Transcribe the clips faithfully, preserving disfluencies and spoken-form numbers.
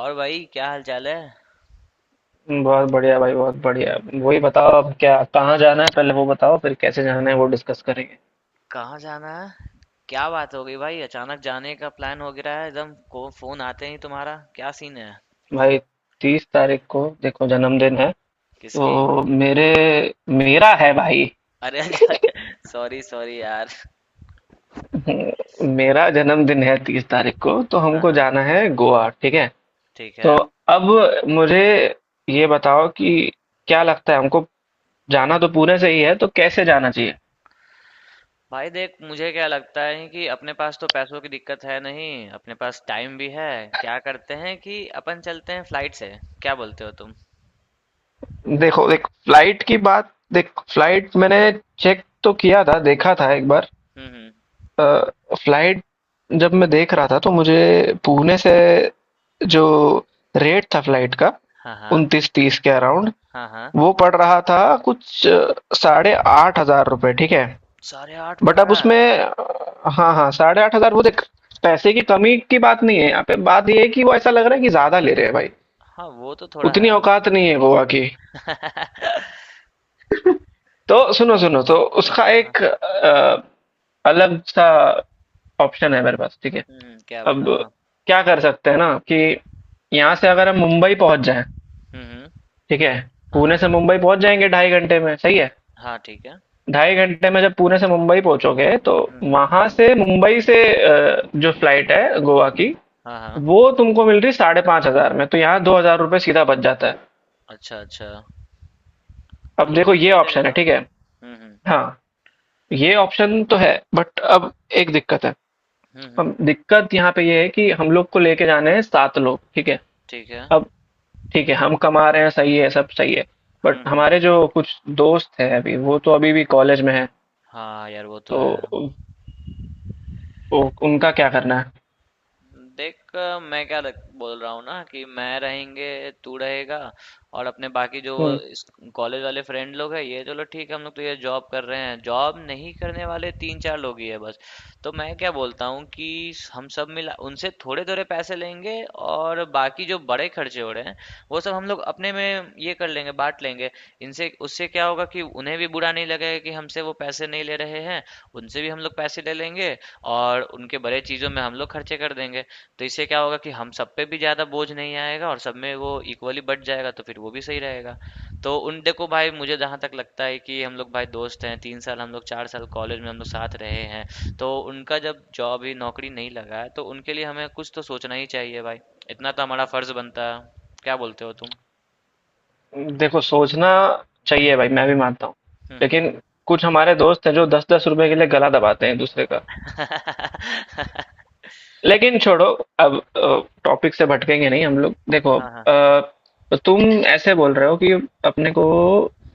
और भाई, क्या हाल चाल है? बहुत बढ़िया भाई, बहुत बढ़िया। वही बताओ अब क्या, कहाँ जाना है पहले वो बताओ, फिर कैसे जाना है वो डिस्कस करेंगे। कहाँ जाना है? क्या बात हो गई भाई? अचानक जाने का प्लान हो गिरा है एकदम को, फोन आते ही। तुम्हारा क्या सीन है? भाई तीस तारीख को देखो जन्मदिन है। तो किसकी? मेरे मेरा है भाई। अरे अच्छा, अच्छा। सॉरी, सॉरी यार। मेरा जन्मदिन है तीस तारीख को, तो हाँ, हमको हाँ। जाना है गोवा, ठीक है। ठीक है। तो अब मुझे ये बताओ कि क्या लगता है हमको, जाना तो पुणे से ही है, तो कैसे जाना चाहिए। भाई देख, मुझे क्या लगता है कि अपने पास तो पैसों की दिक्कत है नहीं। अपने पास टाइम भी है। क्या करते हैं कि अपन चलते हैं फ्लाइट से। क्या बोलते हो तुम? देखो, देख फ्लाइट की बात देख फ्लाइट मैंने चेक तो किया था, देखा था एक बार। हम्म, हम्म। अ, फ्लाइट, जब मैं देख रहा था तो मुझे पुणे से जो रेट था फ्लाइट का, हाँ, हाँ, उनतीस तीस के अराउंड हाँ, हाँ। वो पड़ रहा था, कुछ अ, साढ़े आठ हजार रुपये, ठीक है। साढ़े आठ पड़ बट अब रहा है? उसमें अ, हाँ हाँ, साढ़े आठ हजार वो देख। पैसे की कमी की बात नहीं है, यहाँ पे बात ये है कि वो ऐसा लग रहा है कि ज्यादा ले रहे हैं भाई। हाँ, वो तो थोड़ा उतनी है। औकात नहीं है गोवा की। तो सुनो सुनो तो उसका हाँ। एक अ, अलग सा ऑप्शन है मेरे पास, ठीक है। हम्म, क्या अब बताओ ना। क्या कर सकते हैं ना कि यहाँ से अगर हम मुंबई पहुँच जाएँ, हम्म, हम्म। ठीक है? हाँ, पुणे से हाँ। मुंबई पहुँच जाएँगे ढाई घंटे में, सही है? हाँ, ठीक है। ढाई घंटे में जब पुणे से मुंबई पहुँचोगे, तो हुँ, हुँ। वहाँ से मुंबई से अ, जो फ्लाइट है गोवा की, हाँ, हाँ। वो तुमको मिल रही है पाँच हज़ार पाँच सौ में, तो यहाँ दो हजार रुपए सीधा बच जाता है। अच्छा, अच्छा। हाँ, अब ये देखो तो ये सही ऑप्शन है, रहेगा। ठीक है? हुँ, हुँ। हाँ, ये ऑप्शन तो है, बट अब एक दिक्कत है। हुँ, हुँ। अब दिक्कत यहाँ पे ये है कि हम लोग को लेके जाने हैं सात लोग, ठीक है? ठीक है। अब ठीक है, हम कमा रहे हैं, सही है, सब सही है। बट हुँ, हुँ। हमारे जो कुछ दोस्त हैं अभी, वो तो अभी भी कॉलेज में हैं, हाँ, यार वो तो तो है। उ, उ, उनका क्या करना है? देख, अ, मैं क्या लग, बोल रहा हूँ ना कि मैं रहेंगे तू रहेगा। और अपने बाकी जो हम्म, कॉलेज वाले फ्रेंड लोग हैं, ये चलो ठीक है, हम लोग तो ये जॉब कर रहे हैं, जॉब नहीं करने वाले तीन चार लोग ही है बस। तो मैं क्या बोलता हूँ कि हम सब मिला उनसे थोड़े थोड़े पैसे लेंगे, और बाकी जो बड़े खर्चे हो रहे हैं वो सब हम लोग अपने में ये कर लेंगे, बांट लेंगे। इनसे उससे क्या होगा कि उन्हें भी बुरा नहीं लगेगा कि हमसे वो पैसे नहीं ले रहे हैं, उनसे भी हम लोग पैसे ले लेंगे और उनके बड़े चीज़ों में हम लोग खर्चे कर देंगे। तो इससे क्या होगा कि हम सब पे भी ज़्यादा बोझ नहीं आएगा और सब में वो इक्वली बँट जाएगा, तो फिर वो भी सही रहेगा। तो उन देखो भाई, मुझे जहाँ तक लगता है कि हम लोग भाई दोस्त हैं, तीन साल हम लोग, चार साल कॉलेज में हम लोग साथ रहे हैं। तो उनका जब जॉब ही, नौकरी नहीं लगा है, तो उनके लिए हमें कुछ तो सोचना ही चाहिए भाई। इतना तो हमारा फर्ज़ बनता है। क्या बोलते हो तुम? देखो सोचना चाहिए भाई, मैं भी मानता हूँ। हुँ, हुँ। लेकिन कुछ हमारे दोस्त हैं जो दस दस रुपए के लिए गला दबाते हैं एक दूसरे का। लेकिन छोड़ो, अब टॉपिक से भटकेंगे नहीं हम लोग। देखो हाँ, हाँ। अ, तो तुम ऐसे बोल रहे हो कि अपने को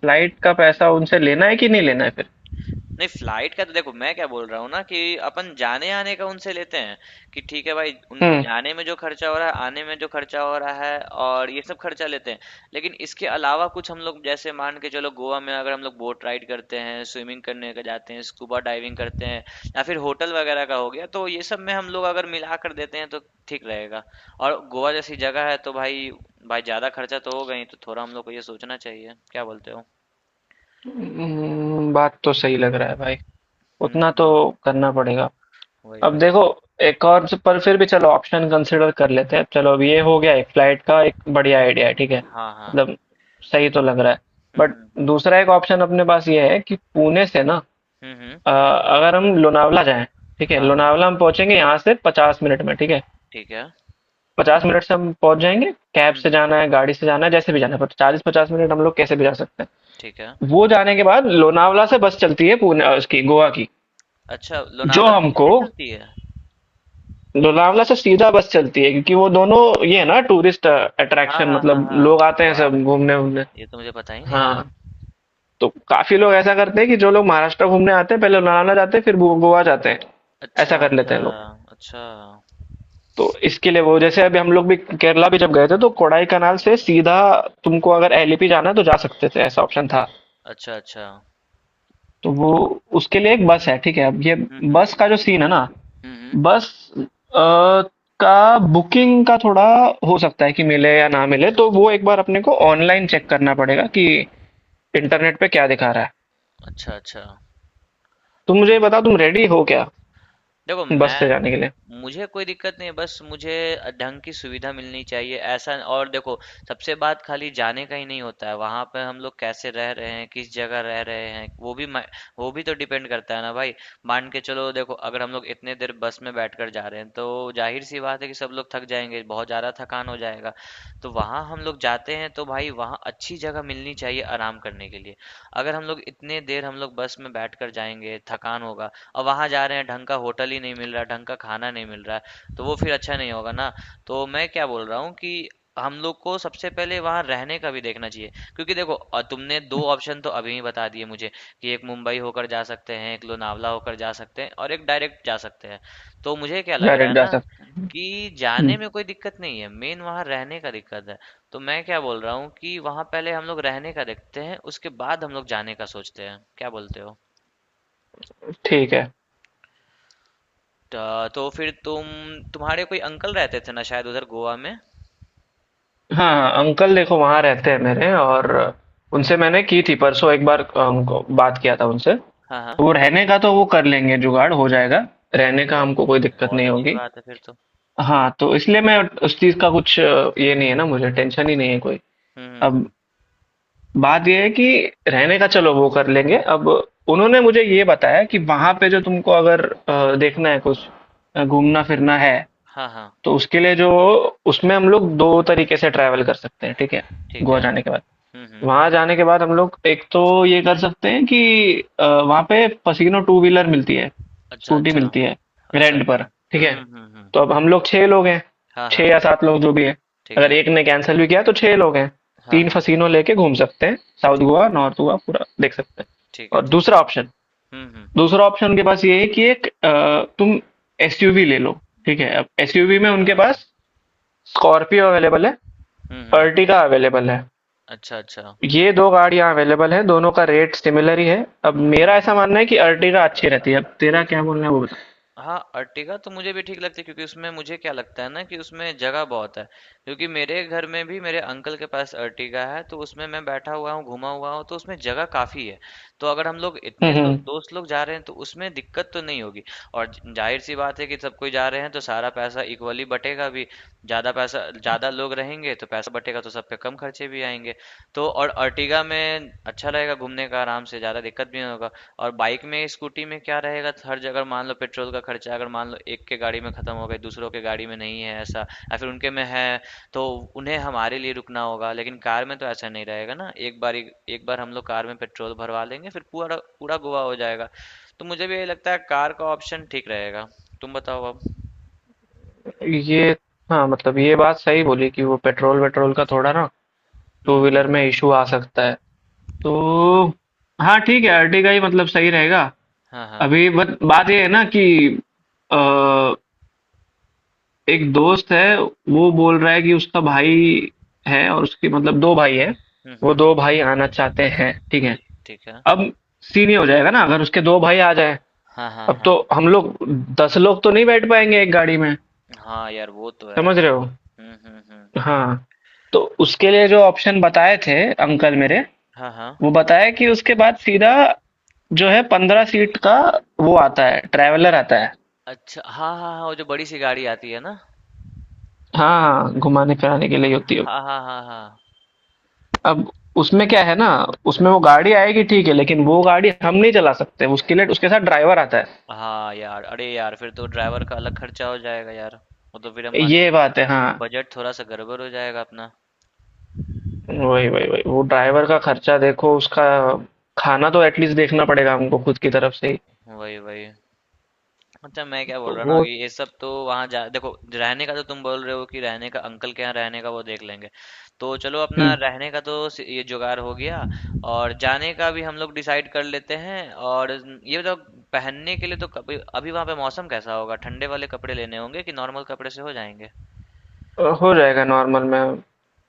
फ्लाइट का पैसा उनसे लेना है कि नहीं लेना है फिर? नहीं, फ्लाइट का तो देखो, मैं क्या बोल रहा हूँ ना कि अपन जाने आने का उनसे लेते हैं कि ठीक है भाई, उनको हम्म जाने में जो खर्चा हो रहा है, आने में जो खर्चा हो रहा है, और ये सब खर्चा लेते हैं। लेकिन इसके अलावा कुछ हम लोग जैसे मान के चलो, गोवा में अगर हम लोग बोट राइड करते हैं, स्विमिंग करने का जाते हैं, स्कूबा डाइविंग करते हैं या फिर होटल वगैरह का हो गया, तो ये सब में हम लोग अगर मिला कर देते हैं तो ठीक रहेगा। और गोवा जैसी जगह है तो भाई, भाई ज्यादा खर्चा तो होगा ही, तो थोड़ा हम लोग को ये सोचना चाहिए। क्या बोलते हो? हम्म, बात तो सही लग रहा है भाई, हम्म, उतना तो हम्म। करना पड़ेगा। वही, अब वही। देखो, एक और स- पर फिर भी चलो ऑप्शन कंसिडर कर लेते हैं। चलो अब ये हो गया, एक फ्लाइट का एक बढ़िया आइडिया है, ठीक हाँ, है? हाँ। मतलब सही तो लग रहा है। हुँ, बट हुँ, हुँ। दूसरा एक ऑप्शन अपने पास ये है कि पुणे से ना, हुँ, हुँ। अ, अगर हम लोनावला जाएं, ठीक है? हाँ, हाँ। लोनावला हम पहुंचेंगे यहाँ से पचास मिनट में, ठीक है? ठीक है। पचास मिनट से हम पहुंच जाएंगे। कैब हुँ, से हुँ। जाना है, गाड़ी से जाना है, जैसे भी जाना है, पर चालीस पचास मिनट हम लोग कैसे भी जा सकते ठीक है। हैं। वो जाने के बाद लोनावला से बस चलती है पुणे अ, उसकी गोवा की, अच्छा, जो लोनावला से हमको सीधे चलती है? लोनावला से सीधा बस चलती है, क्योंकि वो दोनों ये है ना टूरिस्ट हाँ, अट्रैक्शन, हाँ, हाँ, मतलब लोग हाँ। आते हैं वाह! सब घूमने वूमने। ये तो मुझे पता ही नहीं था। हाँ, तो काफी लोग ऐसा करते हैं कि जो लोग महाराष्ट्र घूमने आते हैं पहले लोनावला जाते हैं, फिर गो- गोवा जाते हैं। अच्छा, ऐसा कर लेते अच्छा। हैं लोग। अच्छा। तो इसके लिए वो, जैसे अभी हम लोग भी केरला भी जब गए थे, तो कोडाई कनाल से सीधा तुमको अगर एलिपी जाना है तो जा सकते थे, ऐसा ऑप्शन था। अच्छा, अच्छा। तो वो उसके लिए एक बस है, ठीक है। अब ये हुँ, हुँ। बस का जो सीन है ना, हुँ, हुँ। बस अ, का बुकिंग का थोड़ा हो सकता है कि मिले या ना मिले, तो वो एक बार अपने को ऑनलाइन चेक करना पड़ेगा कि इंटरनेट पे क्या दिखा रहा है। अच्छा, अच्छा। तुम मुझे ये बताओ तुम रेडी हो क्या देखो, बस मैं से जाने के लिए? मुझे कोई दिक्कत नहीं है, बस मुझे ढंग की सुविधा मिलनी चाहिए ऐसा। और देखो, सबसे बात खाली जाने का ही नहीं होता है, वहां पे हम लोग कैसे रह रहे हैं, किस जगह रह रहे हैं, वो भी मै- वो भी तो डिपेंड करता है ना भाई। मान के चलो देखो, अगर हम लोग इतने देर बस में बैठकर जा रहे हैं तो जाहिर सी बात है कि सब लोग थक जाएंगे, बहुत ज्यादा थकान हो जाएगा। तो वहां हम लोग जाते हैं तो भाई, वहाँ अच्छी जगह मिलनी चाहिए आराम करने के लिए। अगर हम लोग इतने देर हम लोग बस में बैठकर जाएंगे, थकान होगा, और वहाँ जा रहे हैं, ढंग का होटल ही नहीं मिल रहा है, ढंग का खाना नहीं मिल रहा है, तो वो फिर अच्छा नहीं होगा ना। तो मैं क्या बोल रहा हूँ कि हम लोग को सबसे पहले वहाँ रहने का भी देखना चाहिए। क्योंकि देखो अ, तुमने दो ऑप्शन तो अभी ही बता दिए मुझे कि एक मुंबई होकर जा सकते हैं, एक लोनावला होकर जा सकते हैं, और एक डायरेक्ट जा सकते हैं। तो मुझे क्या लग रहा है डायरेक्ट जा ना सकते हैं। कि जाने हम्म, में कोई दिक्कत नहीं है, मेन वहाँ रहने का दिक्कत है। तो मैं क्या बोल रहा हूँ कि वहाँ पहले हम लोग रहने का देखते हैं, उसके बाद हम लोग जाने का सोचते हैं। क्या बोलते हो? ठीक है। त- तो फिर तुम, तुम्हारे कोई अंकल रहते थे ना शायद उधर गोवा में। हाँ हाँ, अंकल देखो वहाँ रहते हैं मेरे, और उनसे मैंने की थी परसों एक बार, अ, उनको बात किया था उनसे हाँ, तो हाँ। वो रहने का तो वो कर लेंगे, जुगाड़ हो जाएगा। तब तो रहने का बहुत हमको कोई दिक्कत बहुत नहीं अच्छी होगी। बात है फिर तो। हाँ, तो इसलिए मैं उस चीज का कुछ अ, ये नहीं है ना, मुझे टेंशन ही नहीं है कोई। हम्म, हम्म, अब हम्म। बात ये है कि रहने का चलो वो कर लेंगे, अब उन्होंने मुझे ये बताया कि वहां पे जो तुमको अगर अ, देखना है कुछ अ, घूमना फिरना है, हाँ, हाँ। तो उसके लिए जो उसमें हम लोग दो तरीके से ट्रैवल कर सकते हैं, ठीक है। ठीक गोवा है। जाने के बाद, हम्म, हम्म। वहाँ जाने के बाद हम लोग एक तो ये कर सकते हैं कि अ, वहाँ पे पसीनो टू व्हीलर मिलती है, अच्छा, स्कूटी अच्छा। मिलती है अच्छा, रेंट अच्छा। पर, ठीक हम्म, है? हम्म, हम्म, हम्म। तो अब हम लोग छह लोग हैं, हाँ, छह हाँ। या सात लोग जो भी हैं। ठीक अगर है। एक ने कैंसिल भी किया तो छह लोग हैं। हाँ, तीन हाँ। फसीनो लेके घूम सकते हैं, साउथ ठीक गोवा, नॉर्थ गोवा पूरा देख सकते हैं। ठीक है, और ठीक है। दूसरा ऑप्शन, हम्म, हम्म। दूसरा ऑप्शन उनके पास ये है कि एक अ, तुम एसयूवी ले लो, ठीक है? अब एसयूवी में अच्छा। उनके पास स्कॉर्पियो अवेलेबल है, हम्म, हम्म। अर्टिगा अवेलेबल है, अच्छा, अच्छा। ये दो गाड़ियाँ अवेलेबल हैं, दोनों का रेट सिमिलर ही है। अब हम्म, हम्म, मेरा हम्म। ऐसा मानना है कि अर्टिगा अच्छी रहती है, अब तेरा क्या बोलना है वो बता। हाँ, अर्टिगा तो मुझे भी ठीक लगती है, क्योंकि उसमें मुझे क्या लगता है ना कि उसमें जगह बहुत है। क्योंकि मेरे घर में भी, मेरे अंकल के पास अर्टिगा है, तो उसमें मैं बैठा हुआ हूँ, घुमा हुआ हूँ, तो उसमें जगह काफी है। तो अगर हम लोग हुँ, इतने दो, हुँ। दोस्त लोग जा रहे हैं तो उसमें दिक्कत तो नहीं होगी। और ज- जाहिर सी बात है कि सब कोई जा रहे हैं, तो सारा पैसा इक्वली बटेगा भी। ज्यादा पैसा, ज्यादा लोग रहेंगे तो पैसा बटेगा, तो सब पे कम खर्चे भी आएंगे। तो और अर्टिगा में अच्छा रहेगा, घूमने का आराम से, ज्यादा दिक्कत भी नहीं होगा। और बाइक में, स्कूटी में क्या रहेगा, तो हर जगह मान लो पेट्रोल का खर्चा अगर मान लो एक के गाड़ी में खत्म हो गई, दूसरों के गाड़ी में नहीं है ऐसा, या फिर उनके में है, तो उन्हें हमारे लिए रुकना होगा। लेकिन कार में तो ऐसा नहीं रहेगा ना, एक बार एक बार हम लोग कार में पेट्रोल भरवा लेंगे, फिर पूरा पूरा गोवा हो जाएगा। तो मुझे भी यही लगता है, कार का ऑप्शन ठीक रहेगा। तुम बताओ अब। ये हाँ, मतलब ये बात सही बोली कि वो पेट्रोल-वेट्रोल का थोड़ा ना हम्म, टू व्हीलर हम्म। में इश्यू आ सकता है। तो हाँ, ठीक है, अर्टिगा ही मतलब सही रहेगा। हाँ, हाँ। अभी बट बात ये है ना कि अ, एक दोस्त है, वो बोल रहा है कि उसका भाई है, और उसके मतलब दो भाई हैं, हम्म, वो हम्म। दो भाई आना चाहते हैं, ठीक है। ठीक है। अब सीन ये हो जाएगा ना अगर उसके दो भाई आ जाए, हाँ, हाँ, अब हाँ, तो हम लोग दस लोग तो नहीं बैठ पाएंगे एक गाड़ी में, हाँ, यार वो तो है। समझ रहे हो? हम्म, हम्म, हम्म। हाँ, तो उसके लिए जो ऑप्शन बताए थे अंकल मेरे, हाँ, हाँ। वो बताया कि उसके बाद सीधा जो है पंद्रह सीट का, वो आता है ट्रैवलर आता है। अच्छा, हाँ, हाँ, हाँ, वो जो बड़ी सी गाड़ी आती है ना। हाँ, घुमाने फिराने के लिए होती है। हाँ, हाँ, हाँ, हाँ। अब उसमें क्या है ना, उसमें वो गाड़ी आएगी ठीक है, लेकिन वो गाड़ी हम नहीं चला सकते, उसके लिए उसके साथ ड्राइवर आता है। हाँ यार, अरे यार, फिर तो ड्राइवर का अलग खर्चा हो जाएगा यार। वो तो फिर हमारी ये बात है हाँ। बजट थोड़ा सा गड़बड़ हो जाएगा अपना। वही वही वही वो ड्राइवर का खर्चा देखो, उसका खाना तो एटलीस्ट देखना पड़ेगा हमको खुद की तरफ से ही। वही, वही। अच्छा, मैं क्या बोल तो रहा ना, वो, ये ये सब तो वहाँ जा, देखो रहने का तो तुम बोल रहे हो कि रहने का अंकल के यहाँ रहने का वो देख लेंगे। तो चलो अपना हम्म, रहने का तो सि- ये जुगाड़ हो गया। और जाने का भी हम लोग डिसाइड कर लेते हैं। और ये बताओ, पहनने के लिए तो कभी अभी वहाँ पे मौसम कैसा होगा? ठंडे वाले कपड़े लेने होंगे कि नॉर्मल कपड़े से हो जाएंगे? अ, हो जाएगा नॉर्मल में।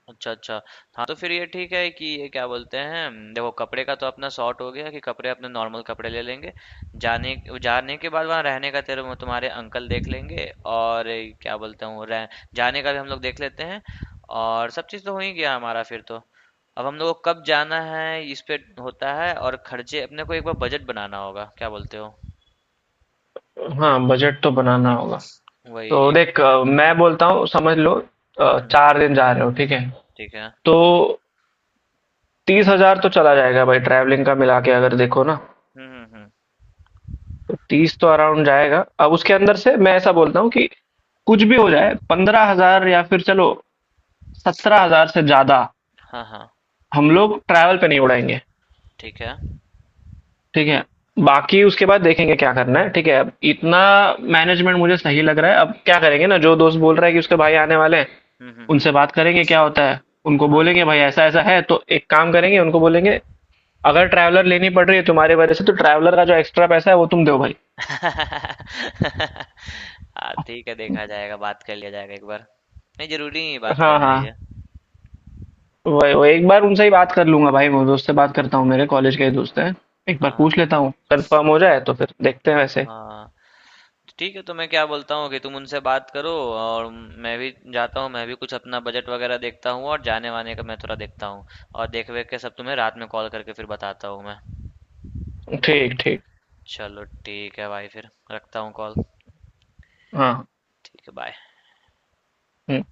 अच्छा, अच्छा। हाँ, तो फिर ये ठीक है कि, ये क्या बोलते हैं, देखो कपड़े का तो अपना सॉर्ट हो गया, कि कपड़े अपने नॉर्मल कपड़े ले लेंगे। जाने जाने के बाद वहाँ रहने का तेरे वो तुम्हारे अंकल देख लेंगे, और ये क्या बोलते हैं, वो रह जाने का भी हम लोग देख लेते हैं, और सब चीज़ तो हो ही गया हमारा फिर तो। अब हम लोगों को कब जाना है, इस पे होता है, और खर्चे अपने को एक बार बजट बनाना होगा। क्या बोलते हो? हाँ, बजट तो बनाना होगा। वही, तो एक देख, ब- अ, मैं बोलता हूँ समझ लो, हम्म, अ, हम्म। चार दिन जा रहे हो, ठीक है। ठीक है। तो तीस हजार तो चला जाएगा भाई, ट्रैवलिंग का मिला के अगर देखो ना, हम्म, हम्म, हम्म। तो तीस तो अराउंड जाएगा। अब उसके अंदर से मैं ऐसा बोलता हूँ कि कुछ भी हो जाए पंद्रह हजार या फिर चलो सत्रह हजार से ज्यादा हाँ, हाँ। हम लोग ट्रैवल पे नहीं उड़ाएंगे, ठीक है। ठीक है? हम्म, हम्म, बाकी उसके बाद देखेंगे क्या करना है, ठीक है? अब इतना मैनेजमेंट मुझे सही लग रहा है, अब क्या करेंगे ना, जो दोस्त बोल रहा है कि उसके भाई आने वाले हैं, हम्म, हम्म, हम्म। उनसे बात करेंगे क्या होता है, उनको हाँ, बोलेंगे हाँ। भाई ऐसा-ऐसा है, तो एक काम करेंगे उनको बोलेंगे अगर ट्रैवलर लेनी पड़ रही है तुम्हारे वजह से तो ट्रैवलर का जो एक्स्ट्रा पैसा है वो तुम दो भाई। हाँ, ठीक है, देखा जाएगा, बात कर लिया जाएगा एक बार। नहीं, जरूरी नहीं है बात हाँ, करना हाँ। ये। वही, वही एक बार उनसे ही बात हाँ। कर लूँगा भाई, वो दोस्त से हम्म, बात हम्म, करता हूँ, हम्म। मेरे कॉलेज के ही दोस्त हैं। एक बार हाँ, पूछ हाँ, लेता हूँ, कन्फर्म हो जाए तो फिर देखते हैं वैसे। हाँ। ठीक है, तो मैं क्या बोलता हूँ कि तुम उनसे बात करो, और मैं भी जाता हूँ, मैं भी कुछ अपना बजट वगैरह देखता हूँ, और जाने वाने का मैं थोड़ा देखता हूँ, और देख वेख के सब तुम्हें रात में कॉल करके फिर बताता हूँ मैं। ठीक, ठीक। चलो ठीक है भाई, फिर रखता हूँ कॉल। हाँ। ठीक है, बाय। हुँ।